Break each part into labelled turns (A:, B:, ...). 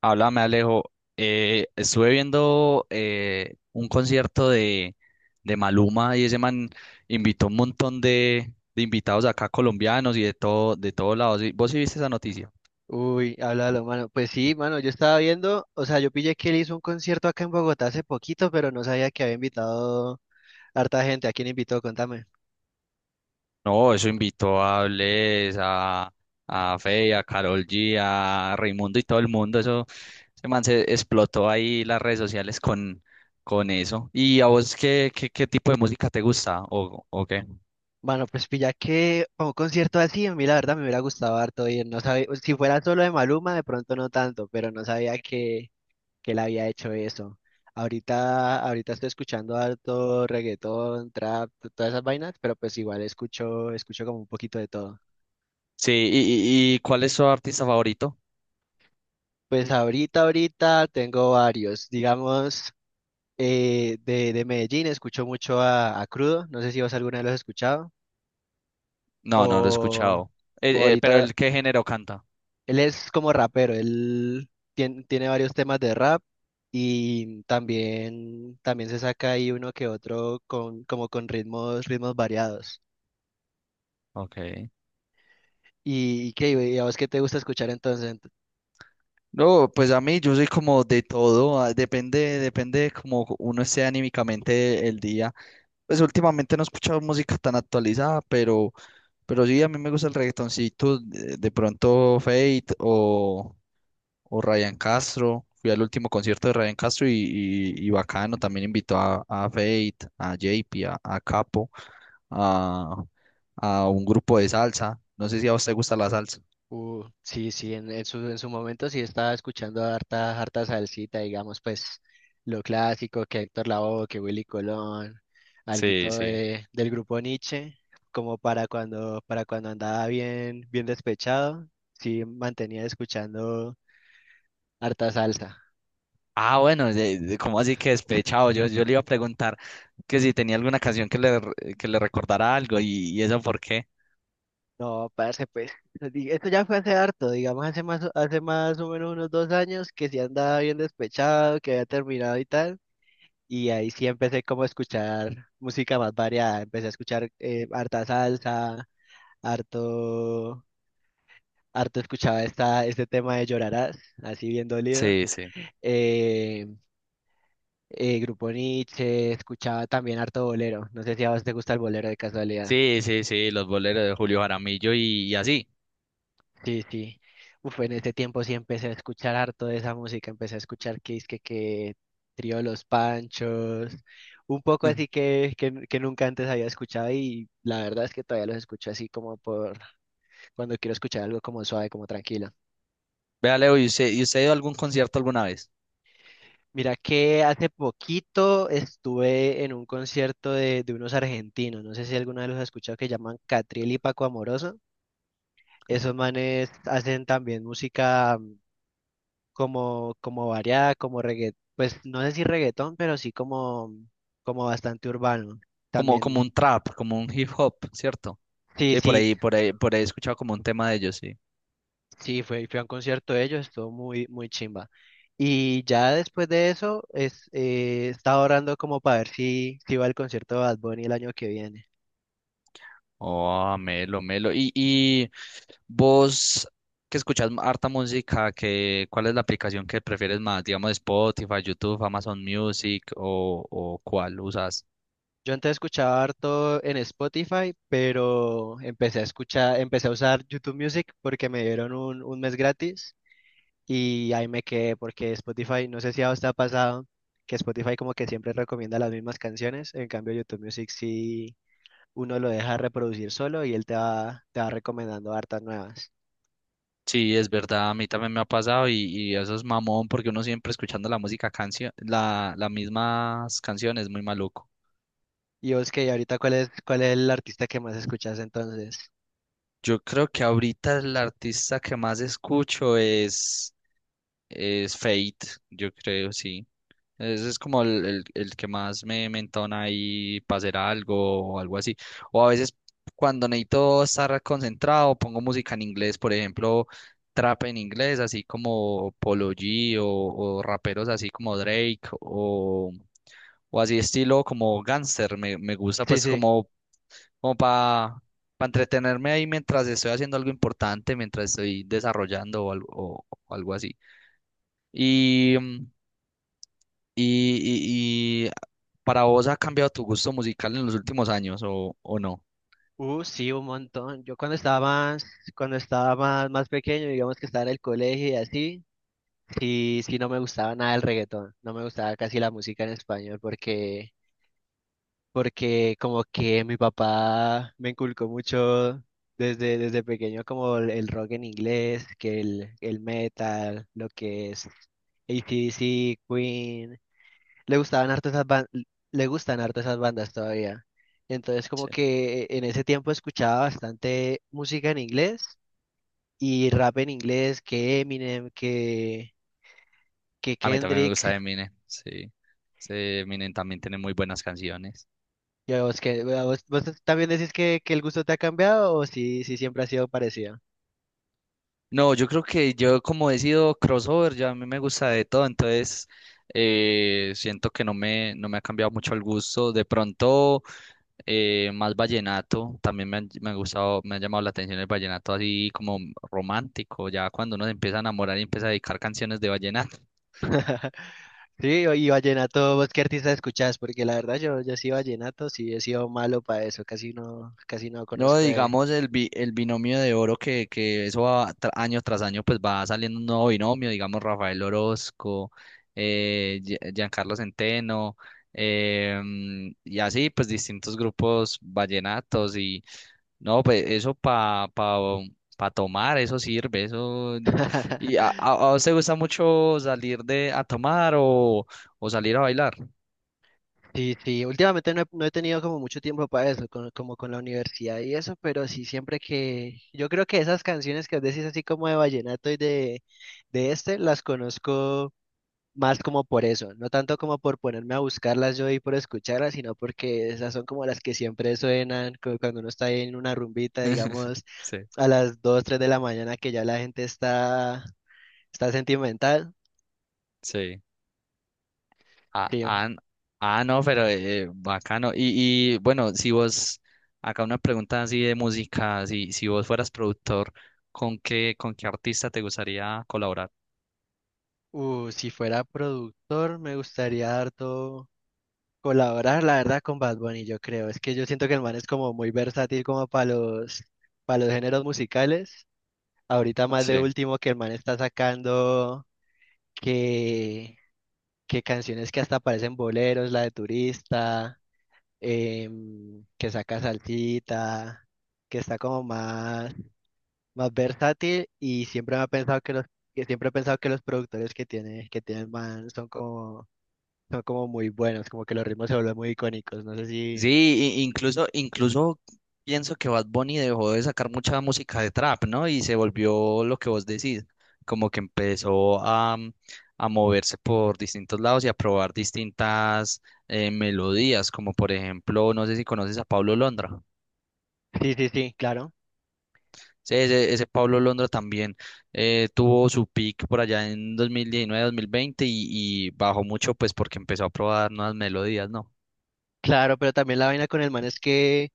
A: Háblame, Alejo. Estuve viendo un concierto de Maluma, y ese man invitó un montón de invitados acá colombianos y de todo, de todos lados. ¿Vos sí viste esa noticia?
B: Uy, háblalo, mano. Pues sí, mano, yo estaba viendo, o sea, yo pillé que él hizo un concierto acá en Bogotá hace poquito, pero no sabía que había invitado harta gente. ¿A quién invitó? Contame.
A: No, eso invitó a Bless, a Feid, a Karol G, a Raimundo y todo el mundo. Ese man se explotó ahí las redes sociales con eso. ¿Y a vos qué tipo de música te gusta o qué?
B: Bueno, pues pilla que para un concierto así, a mí la verdad me hubiera gustado harto ir. No sabía, si fuera solo de Maluma, de pronto no tanto, pero no sabía que él había hecho eso. Ahorita estoy escuchando harto reggaetón, trap, todas esas vainas, pero pues igual escucho, escucho como un poquito de todo.
A: Sí, y ¿cuál es tu artista favorito?
B: Pues ahorita tengo varios, digamos. De de Medellín escucho mucho a Crudo, no sé si vos alguna vez lo has escuchado,
A: No, no lo he
B: o,
A: escuchado.
B: o
A: Pero
B: ahorita,
A: el qué género canta.
B: él es como rapero, él tiene varios temas de rap y también, también se saca ahí uno que otro con, como con ritmos, ritmos variados.
A: Ok.
B: ¿Y qué? ¿Y a vos qué te gusta escuchar entonces?
A: No, pues a mí yo soy como de todo. Ah, depende, depende de cómo uno esté anímicamente el día. Pues últimamente no he escuchado música tan actualizada, pero sí, a mí me gusta el reggaetoncito, de pronto Fate o Ryan Castro. Fui al último concierto de Ryan Castro y, y bacano, también invitó a Fate, a JP, a Capo, a, a un grupo de salsa. No sé si a usted gusta la salsa.
B: Sí, sí, en su momento sí estaba escuchando harta salsita, digamos, pues lo clásico, que Héctor Lavoe, que Willy Colón,
A: Sí,
B: alguito
A: sí.
B: de, del grupo Nietzsche, como para para cuando andaba bien, bien despechado, sí mantenía escuchando harta salsa.
A: Ah, bueno, ¿cómo así que despechado? Yo le iba a preguntar que si tenía alguna canción que que le recordara algo y eso por qué.
B: No, parce, pues, esto ya fue hace harto, digamos, hace más o menos unos dos años que sí andaba bien despechado, que había terminado y tal. Y ahí sí empecé como a escuchar música más variada. Empecé a escuchar harta salsa, harto, harto escuchaba este tema de Llorarás, así bien dolido.
A: Sí, sí.
B: Eh, Grupo Nietzsche, escuchaba también harto bolero. No sé si a vos te gusta el bolero de casualidad.
A: Sí, sí, sí, los boleros de Julio Jaramillo y así.
B: Sí, sí. Uf, en ese tiempo sí empecé a escuchar harto de esa música, empecé a escuchar que Trío Los Panchos, un poco así que nunca antes había escuchado y la verdad es que todavía los escucho así como por cuando quiero escuchar algo como suave, como tranquilo.
A: Vea, Leo, ¿y usted ha ido a algún concierto alguna vez?
B: Mira que hace poquito estuve en un concierto de unos argentinos, no sé si alguno de los has escuchado que llaman Catriel y Paco Amoroso. Esos manes hacen también música como, como variada, como reggaetón, pues no sé si reggaetón, pero sí como, como bastante urbano.
A: Como, como
B: También,
A: un trap, como un hip hop, ¿cierto?
B: sí,
A: Sí, por
B: sí,
A: ahí, por ahí, por ahí he escuchado como un tema de ellos, sí.
B: sí, fui a un concierto de ellos, estuvo muy, muy chimba. Y ya después de eso, estaba orando como para ver si, si iba al concierto de Bad Bunny el año que viene.
A: Oh, melo, melo. Y vos que escuchas harta música, que, ¿cuál es la aplicación que prefieres más? Digamos Spotify, YouTube, Amazon Music o, ¿o cuál usas?
B: Yo antes escuchaba harto en Spotify, pero empecé a escuchar, empecé a usar YouTube Music porque me dieron un mes gratis. Y ahí me quedé porque Spotify, no sé si a usted ha pasado que Spotify como que siempre recomienda las mismas canciones, en cambio YouTube Music sí uno lo deja reproducir solo y él te va recomendando hartas nuevas.
A: Sí, es verdad, a mí también me ha pasado y eso es mamón porque uno siempre escuchando la música canción, la, las mismas canciones, muy maluco.
B: Y vos que ahorita cuál es el artista que más escuchas entonces.
A: Yo creo que ahorita el artista que más escucho es Fate, yo creo, sí. Ese es como el que más me entona ahí para hacer algo o algo así. O a veces cuando necesito estar concentrado, pongo música en inglés, por ejemplo, trap en inglés, así como Polo G o raperos así como Drake o así estilo como Gangster. Me gusta
B: Sí,
A: pues
B: sí.
A: como, como para entretenerme ahí mientras estoy haciendo algo importante, mientras estoy desarrollando o algo, o algo así. Y, mm, y para vos ¿ha cambiado tu gusto musical en los últimos años o no?
B: Sí, un montón. Yo cuando estaba más, más pequeño, digamos que estaba en el colegio y así, sí, sí no me gustaba nada el reggaetón. No me gustaba casi la música en español porque como que mi papá me inculcó mucho desde pequeño como el rock en inglés, que el metal, lo que es AC/DC, Queen, le gustaban harto esas le gustan harto esas bandas todavía. Entonces como
A: Sí.
B: que en ese tiempo escuchaba bastante música en inglés y rap en inglés, que Eminem, que
A: A mí también me
B: Kendrick.
A: gusta Eminem, sí. Sí, Eminem también tiene muy buenas canciones.
B: Ya vos, vos también decís que el gusto te ha cambiado o si, si siempre ha sido parecido?
A: No, yo creo que yo como he sido crossover, ya a mí me gusta de todo, entonces siento que no no me ha cambiado mucho el gusto. De pronto más vallenato, también me ha gustado, me ha llamado la atención el vallenato así como romántico, ya cuando uno se empieza a enamorar y empieza a dedicar canciones de vallenato.
B: Sí, y vallenato, ¿vos qué artista escuchás? Porque la verdad yo, yo sí vallenato, sí he sido malo para eso, casi no
A: No,
B: conozco de...
A: digamos el binomio de oro, que eso va año tras año pues va saliendo un nuevo binomio, digamos Rafael Orozco, Giancarlo Centeno, y así pues distintos grupos vallenatos y no, pues eso para pa, pa pa tomar, eso sirve, eso... ¿Y a usted gusta mucho salir de a tomar o salir a bailar?
B: Sí, sí, últimamente no he, no he tenido como mucho tiempo para eso, como con la universidad y eso, pero sí siempre que... Yo creo que esas canciones que vos decís así como de vallenato y de este, las conozco más como por eso, no tanto como por ponerme a buscarlas yo y por escucharlas, sino porque esas son como las que siempre suenan cuando uno está en una rumbita, digamos,
A: Sí.
B: a las 2 3 de la mañana que ya la gente está sentimental.
A: Sí. Ah,
B: Sí,
A: ah, n- no, pero bacano. Y bueno, si vos, acá una pregunta así de música, si, si vos fueras productor, con qué artista te gustaría colaborar?
B: si fuera productor, me gustaría harto colaborar, la verdad, con Bad Bunny, yo creo. Es que yo siento que el man es como muy versátil como para para los géneros musicales. Ahorita más de
A: Sí.
B: último que el man está sacando que que canciones que hasta parecen boleros, la de Turista, em, que saca salsita, que está como más, más versátil y siempre me ha pensado que los, que siempre he pensado que los productores que tiene el man son como muy buenos, como que los ritmos se vuelven muy icónicos, no sé si,
A: Sí, incluso, incluso pienso que Bad Bunny dejó de sacar mucha música de trap, ¿no? Y se volvió lo que vos decís, como que empezó a, mm, a moverse por distintos lados y a probar distintas melodías, como por ejemplo, no sé si conoces a Pablo Londra.
B: sí, sí, sí, claro,
A: Sí, ese Pablo Londra también tuvo su peak por allá en 2019, 2020 y bajó mucho pues porque empezó a probar nuevas melodías, ¿no?
B: claro, pero también la vaina con el man es que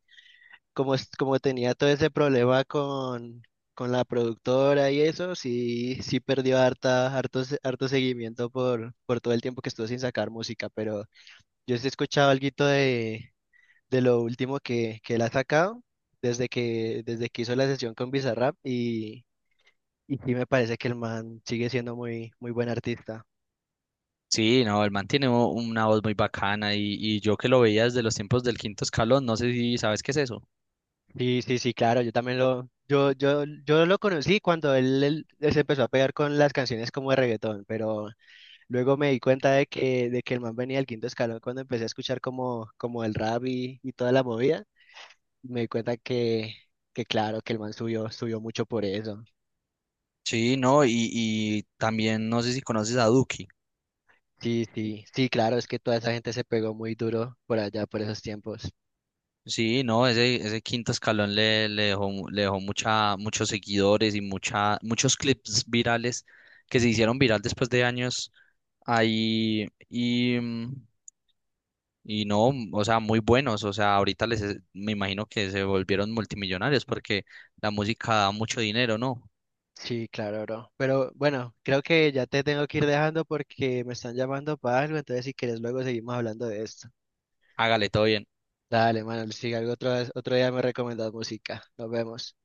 B: como, como tenía todo ese problema con la productora y eso, sí, sí perdió harta, harto, harto seguimiento por todo el tiempo que estuvo sin sacar música, pero yo sí he escuchado alguito de lo último que él ha sacado desde que hizo la sesión con Bizarrap y sí me parece que el man sigue siendo muy, muy buen artista.
A: Sí, no, el man tiene una voz muy bacana y yo que lo veía desde los tiempos del Quinto Escalón, no sé si sabes qué es eso.
B: Sí, sí, sí, claro, yo también yo lo conocí cuando él se empezó a pegar con las canciones como de reggaetón, pero luego me di cuenta de que el man venía del Quinto Escalón cuando empecé a escuchar como, como el rap y toda la movida. Me di cuenta que claro, que el man subió, subió mucho por eso.
A: Sí, no, y también no sé si conoces a Duki.
B: Sí, sí, sí, claro, es que toda esa gente se pegó muy duro por allá, por esos tiempos.
A: Sí, no, ese Quinto Escalón le dejó, le dejó mucha, muchos seguidores y mucha, muchos clips virales que se hicieron viral después de años ahí y no, mm, o sea, muy buenos, o sea, ahorita me imagino que se volvieron multimillonarios porque la música da mucho dinero, ¿no?
B: Sí, claro, bro. Pero bueno, creo que ya te tengo que ir dejando porque me están llamando para algo, entonces si quieres luego seguimos hablando de esto.
A: Hágale, todo bien.
B: Dale, mano, si algo otro, otro día me recomendas música. Nos vemos.